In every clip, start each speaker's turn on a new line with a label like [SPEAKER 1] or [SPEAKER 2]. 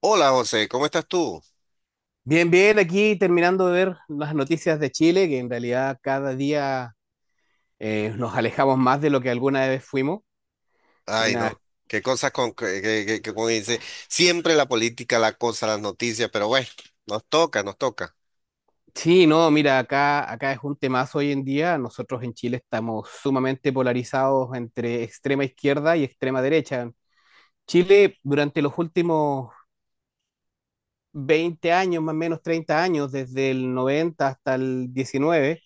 [SPEAKER 1] Hola José, ¿cómo estás tú?
[SPEAKER 2] Bien, bien, aquí terminando de ver las noticias de Chile, que en realidad cada día nos alejamos más de lo que alguna vez fuimos.
[SPEAKER 1] Ay,
[SPEAKER 2] Una.
[SPEAKER 1] no, qué cosas con que, que como dice, siempre la política, la cosa, las noticias, pero bueno, nos toca,
[SPEAKER 2] Sí, no, mira, acá es un temazo hoy en día. Nosotros en Chile estamos sumamente polarizados entre extrema izquierda y extrema derecha. Chile, durante los últimos 20 años, más o menos 30 años, desde el 90 hasta el 19,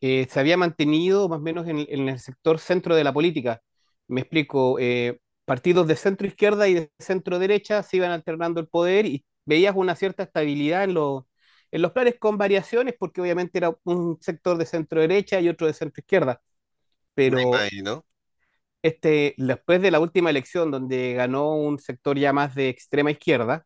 [SPEAKER 2] se había mantenido más o menos en el sector centro de la política. Me explico, partidos de centro izquierda y de centro derecha se iban alternando el poder y veías una cierta estabilidad en los planes con variaciones, porque obviamente era un sector de centro derecha y otro de centro izquierda,
[SPEAKER 1] me
[SPEAKER 2] pero
[SPEAKER 1] imagino.
[SPEAKER 2] después de la última elección donde ganó un sector ya más de extrema izquierda,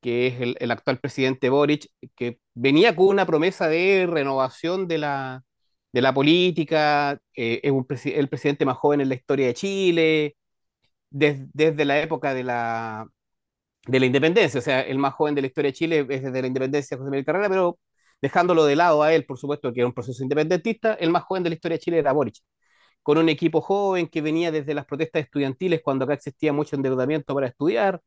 [SPEAKER 2] que es el actual presidente Boric, que venía con una promesa de renovación de la política. El presidente más joven en la historia de Chile desde la época de la independencia, o sea, el más joven de la historia de Chile es desde la independencia de José Miguel Carrera, pero dejándolo de lado a él, por supuesto, que era un proceso independentista, el más joven de la historia de Chile era Boric, con un equipo joven que venía desde las protestas estudiantiles cuando acá existía mucho endeudamiento para estudiar,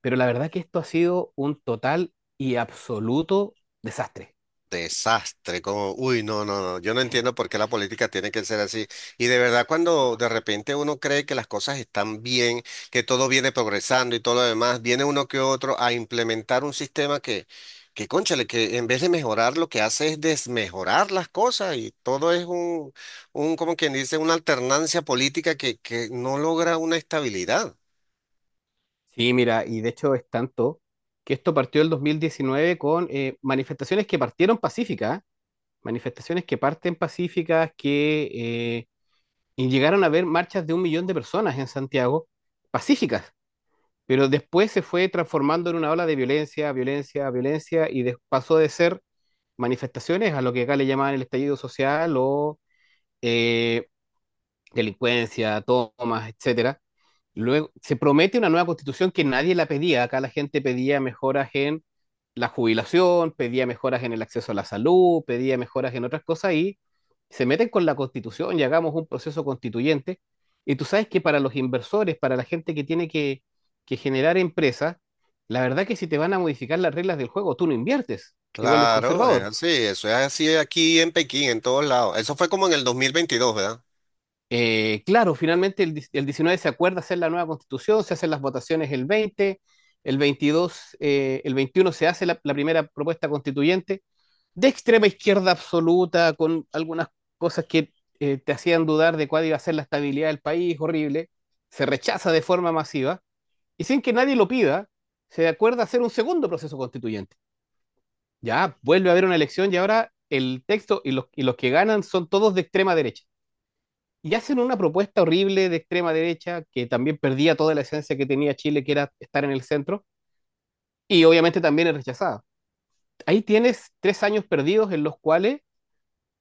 [SPEAKER 2] pero la verdad que esto ha sido un total y absoluto desastre.
[SPEAKER 1] Desastre, como, uy, no, no, no, yo no entiendo por qué la política tiene que ser así. Y de verdad, cuando de repente uno cree que las cosas están bien, que todo viene progresando y todo lo demás, viene uno que otro a implementar un sistema que cónchale, que en vez de mejorar lo que hace es desmejorar las cosas y todo es un como quien dice, una alternancia política que no logra una estabilidad.
[SPEAKER 2] Sí, mira, y de hecho es tanto que esto partió el 2019 con manifestaciones que partieron pacíficas, manifestaciones que parten pacíficas, que y llegaron a haber marchas de un millón de personas en Santiago, pacíficas, pero después se fue transformando en una ola de violencia, violencia, violencia, pasó de ser manifestaciones a lo que acá le llamaban el estallido social o eh, delincuencia, tomas, etcétera. Luego se promete una nueva constitución que nadie la pedía. Acá la gente pedía mejoras en la jubilación, pedía mejoras en el acceso a la salud, pedía mejoras en otras cosas y se meten con la constitución y hagamos un proceso constituyente. Y tú sabes que para los inversores, para la gente que tiene que generar empresas, la verdad que si te van a modificar las reglas del juego, tú no inviertes, te vuelves
[SPEAKER 1] Claro, es
[SPEAKER 2] conservador.
[SPEAKER 1] así, eso es así aquí en Pekín, en todos lados. ¿Eso fue como en el 2022, verdad?
[SPEAKER 2] Claro, finalmente el 19 se acuerda hacer la nueva constitución, se hacen las votaciones el 20, el 22, el 21 se hace la primera propuesta constituyente de extrema izquierda absoluta, con algunas cosas que te hacían dudar de cuál iba a ser la estabilidad del país, horrible, se rechaza de forma masiva y sin que nadie lo pida, se acuerda hacer un segundo proceso constituyente. Ya vuelve a haber una elección y ahora el texto y los que ganan son todos de extrema derecha y hacen una propuesta horrible de extrema derecha que también perdía toda la esencia que tenía Chile, que era estar en el centro, y obviamente también es rechazada. Ahí tienes 3 años perdidos en los cuales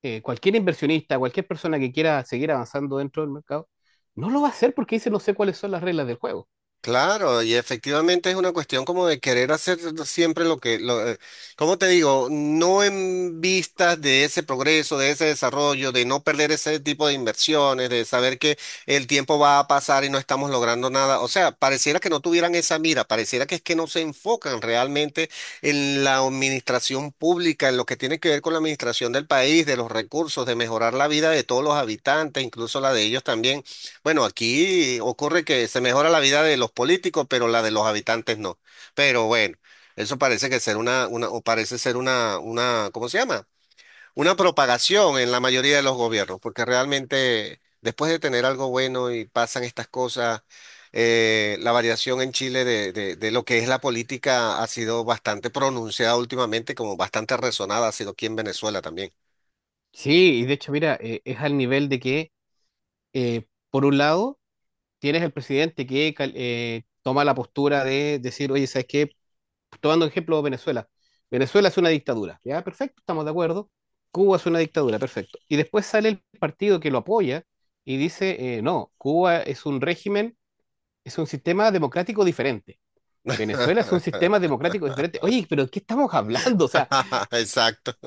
[SPEAKER 2] cualquier inversionista, cualquier persona que quiera seguir avanzando dentro del mercado, no lo va a hacer porque dice no sé cuáles son las reglas del juego.
[SPEAKER 1] Claro, y efectivamente es una cuestión como de querer hacer siempre lo que, ¿cómo te digo? No en vistas de ese progreso, de ese desarrollo, de no perder ese tipo de inversiones, de saber que el tiempo va a pasar y no estamos logrando nada. O sea, pareciera que no tuvieran esa mira, pareciera que es que no se enfocan realmente en la administración pública, en lo que tiene que ver con la administración del país, de los recursos, de mejorar la vida de todos los habitantes, incluso la de ellos también. Bueno, aquí ocurre que se mejora la vida de los políticos, pero la de los habitantes no. Pero bueno, eso parece que ser una, o parece ser una, ¿cómo se llama? Una propagación en la mayoría de los gobiernos, porque realmente después de tener algo bueno y pasan estas cosas, la variación en Chile de lo que es la política ha sido bastante pronunciada últimamente, como bastante resonada ha sido aquí en Venezuela también.
[SPEAKER 2] Sí, y de hecho, mira, es al nivel de que por un lado, tienes el presidente que toma la postura de decir, oye, ¿sabes qué? Tomando ejemplo Venezuela. Venezuela es una dictadura, ya, perfecto, estamos de acuerdo. Cuba es una dictadura, perfecto. Y después sale el partido que lo apoya y dice, no, Cuba es un régimen, es un sistema democrático diferente. Venezuela es un sistema democrático diferente. Oye, pero ¿qué estamos hablando? O sea,
[SPEAKER 1] Exacto.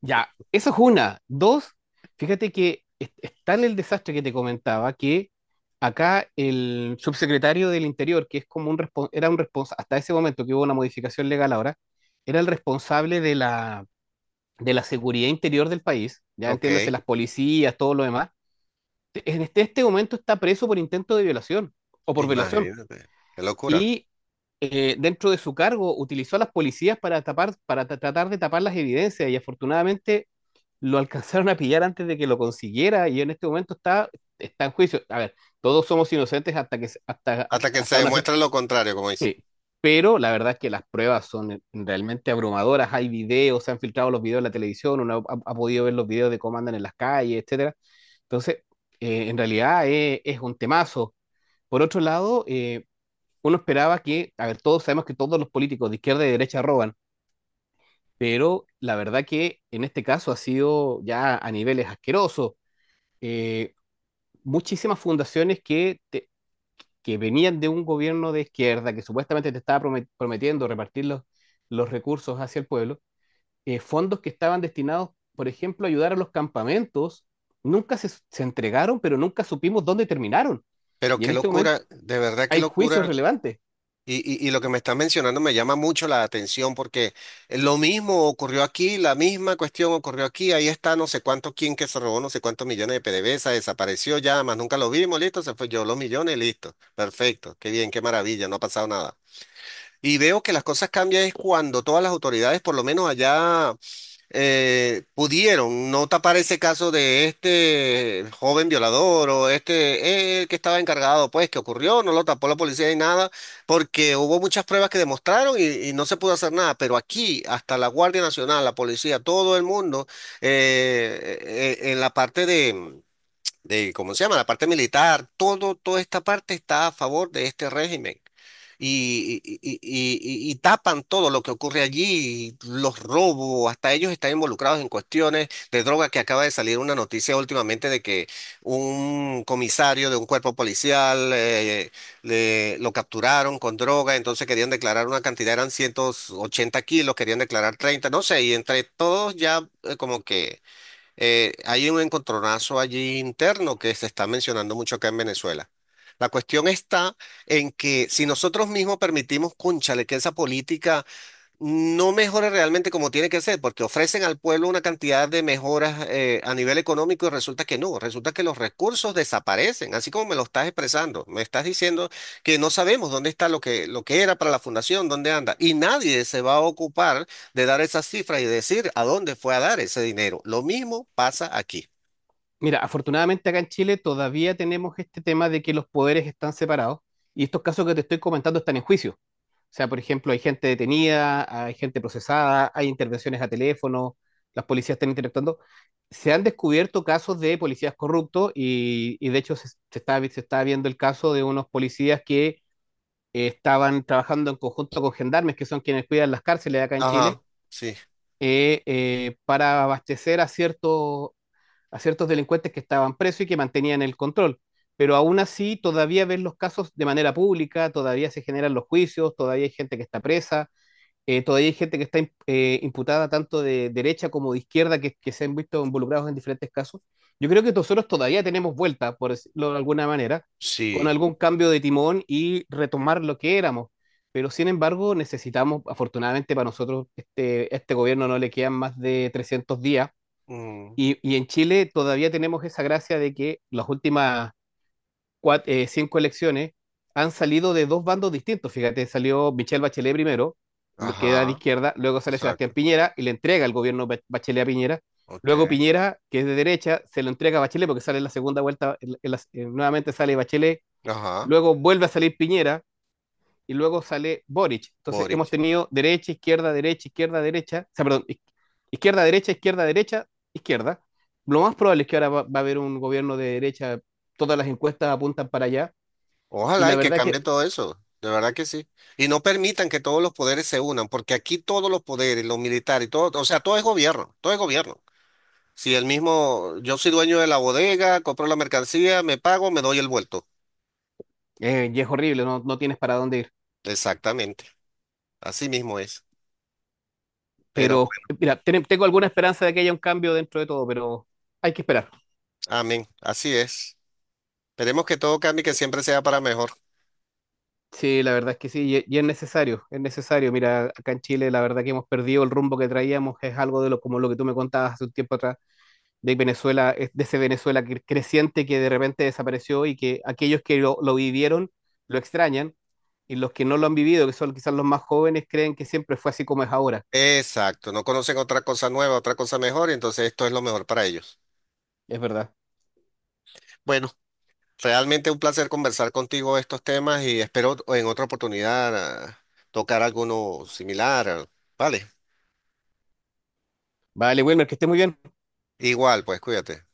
[SPEAKER 2] ya, eso es una. Dos, fíjate que es tal el desastre que te comentaba que acá el subsecretario del Interior, que es como era un responsable, hasta ese momento que hubo una modificación legal ahora, era el responsable de la seguridad interior del país, ya
[SPEAKER 1] Ok.
[SPEAKER 2] entiéndase, las policías, todo lo demás, en este momento está preso por intento de violación o por violación.
[SPEAKER 1] Imagínate, qué locura.
[SPEAKER 2] Y dentro de su cargo utilizó a las policías para tapar, para tratar de tapar las evidencias y afortunadamente lo alcanzaron a pillar antes de que lo consiguiera y en este momento está en juicio. A ver, todos somos inocentes hasta, que, se- hasta, hasta,
[SPEAKER 1] Hasta que se
[SPEAKER 2] hasta una.
[SPEAKER 1] demuestre lo contrario, como dice.
[SPEAKER 2] Sí, pero la verdad es que las pruebas son realmente abrumadoras. Hay videos, se han filtrado los videos en la televisión, uno ha podido ver los videos de cómo andan en las calles, etcétera. Entonces, en realidad es un temazo. Por otro lado, uno esperaba que, a ver, todos sabemos que todos los políticos de izquierda y de derecha roban, pero la verdad que en este caso ha sido ya a niveles asquerosos. eh, Muchísimas fundaciones que venían de un gobierno de izquierda que supuestamente te estaba prometiendo repartir los recursos hacia el pueblo, fondos que estaban destinados, por ejemplo, a ayudar a los campamentos, nunca se entregaron, pero nunca supimos dónde terminaron.
[SPEAKER 1] Pero
[SPEAKER 2] Y en
[SPEAKER 1] qué
[SPEAKER 2] este momento
[SPEAKER 1] locura, de verdad qué
[SPEAKER 2] hay juicios
[SPEAKER 1] locura.
[SPEAKER 2] relevantes.
[SPEAKER 1] Y, y lo que me estás mencionando me llama mucho la atención porque lo mismo ocurrió aquí, la misma cuestión ocurrió aquí. Ahí está no sé cuánto quien que se robó no sé cuántos millones de PDVSA, desapareció ya, más nunca lo vimos, listo, se fue yo los millones, listo. Perfecto, qué bien, qué maravilla, no ha pasado nada. Y veo que las cosas cambian es cuando todas las autoridades, por lo menos allá. Pudieron no tapar ese caso de este joven violador o este, el que estaba encargado, pues, que ocurrió, no lo tapó la policía ni nada, porque hubo muchas pruebas que demostraron y no se pudo hacer nada, pero aquí, hasta la Guardia Nacional, la policía, todo el mundo, en la parte de ¿cómo se llama? La parte militar, todo, toda esta parte está a favor de este régimen. Y, y tapan todo lo que ocurre allí, los robos, hasta ellos están involucrados en cuestiones de droga que acaba de salir una noticia últimamente de que un comisario de un cuerpo policial lo capturaron con droga, entonces querían declarar una cantidad, eran 180 kilos, querían declarar 30 no sé, y entre todos ya como que hay un encontronazo allí interno que se está mencionando mucho acá en Venezuela. La cuestión está en que si nosotros mismos permitimos, cónchale, que esa política no mejora realmente como tiene que ser, porque ofrecen al pueblo una cantidad de mejoras a nivel económico y resulta que no, resulta que los recursos desaparecen, así como me lo estás expresando, me estás diciendo que no sabemos dónde está lo que, era para la fundación, dónde anda, y nadie se va a ocupar de dar esas cifras y decir a dónde fue a dar ese dinero. Lo mismo pasa aquí.
[SPEAKER 2] Mira, afortunadamente acá en Chile todavía tenemos este tema de que los poderes están separados y estos casos que te estoy comentando están en juicio. O sea, por ejemplo, hay gente detenida, hay gente procesada, hay intervenciones a teléfono, las policías están interactuando. Se han descubierto casos de policías corruptos y de hecho se está viendo el caso de unos policías que estaban trabajando en conjunto con gendarmes, que son quienes cuidan las cárceles acá en
[SPEAKER 1] Ajá,
[SPEAKER 2] Chile,
[SPEAKER 1] sí,
[SPEAKER 2] para abastecer a ciertos delincuentes que estaban presos y que mantenían el control. Pero aún así, todavía ven los casos de manera pública, todavía se generan los juicios, todavía hay gente que está presa, todavía hay gente que está imputada tanto de derecha como de izquierda que se han visto involucrados en diferentes casos. Yo creo que nosotros todavía tenemos vuelta, por decirlo de alguna manera, con
[SPEAKER 1] sí.
[SPEAKER 2] algún cambio de timón y retomar lo que éramos. Pero sin embargo, necesitamos, afortunadamente para nosotros, este gobierno no le quedan más de 300 días.
[SPEAKER 1] Mm,
[SPEAKER 2] Y en Chile todavía tenemos esa gracia de que las últimas cinco elecciones han salido de dos bandos distintos. Fíjate, salió Michelle Bachelet primero, lo que era de
[SPEAKER 1] ajá,
[SPEAKER 2] izquierda, luego sale Sebastián
[SPEAKER 1] exacto.
[SPEAKER 2] Piñera y le entrega el gobierno Bachelet a Piñera. Luego
[SPEAKER 1] Ok.
[SPEAKER 2] Piñera, que es de derecha, se lo entrega a Bachelet porque sale en la segunda vuelta, nuevamente sale Bachelet,
[SPEAKER 1] Ajá,
[SPEAKER 2] luego vuelve a salir Piñera y luego sale Boric. Entonces hemos
[SPEAKER 1] Boric.
[SPEAKER 2] tenido derecha, izquierda, derecha, izquierda, derecha, o sea, perdón, izquierda, derecha, izquierda, derecha, izquierda. Lo más probable es que ahora va a haber un gobierno de derecha, todas las encuestas apuntan para allá, y
[SPEAKER 1] Ojalá
[SPEAKER 2] la
[SPEAKER 1] y que
[SPEAKER 2] verdad
[SPEAKER 1] cambie
[SPEAKER 2] que
[SPEAKER 1] todo eso, de verdad que sí. Y no permitan que todos los poderes se unan, porque aquí todos los poderes, los militares, todo, o sea, todo es gobierno, todo es gobierno. Si el mismo, yo soy dueño de la bodega, compro la mercancía, me pago, me doy el vuelto.
[SPEAKER 2] y es horrible, no, no tienes para dónde ir.
[SPEAKER 1] Exactamente, así mismo es. Pero,
[SPEAKER 2] Pero mira, tengo alguna esperanza de que haya un cambio dentro de todo, pero hay que esperar.
[SPEAKER 1] amén, así es. Esperemos que todo cambie, que siempre sea para mejor.
[SPEAKER 2] Sí, la verdad es que sí, y es necesario, es necesario. Mira, acá en Chile la verdad que hemos perdido el rumbo que traíamos, es algo de lo como lo que tú me contabas hace un tiempo atrás de Venezuela, de ese Venezuela creciente que de repente desapareció y que aquellos que lo vivieron lo extrañan y los que no lo han vivido, que son quizás los más jóvenes, creen que siempre fue así como es ahora.
[SPEAKER 1] Exacto, no conocen otra cosa nueva, otra cosa mejor, y entonces esto es lo mejor para ellos.
[SPEAKER 2] Es verdad.
[SPEAKER 1] Bueno. Realmente un placer conversar contigo estos temas y espero en otra oportunidad tocar alguno similar. Vale,
[SPEAKER 2] Vale, Wilmer, que esté muy bien.
[SPEAKER 1] igual, pues cuídate.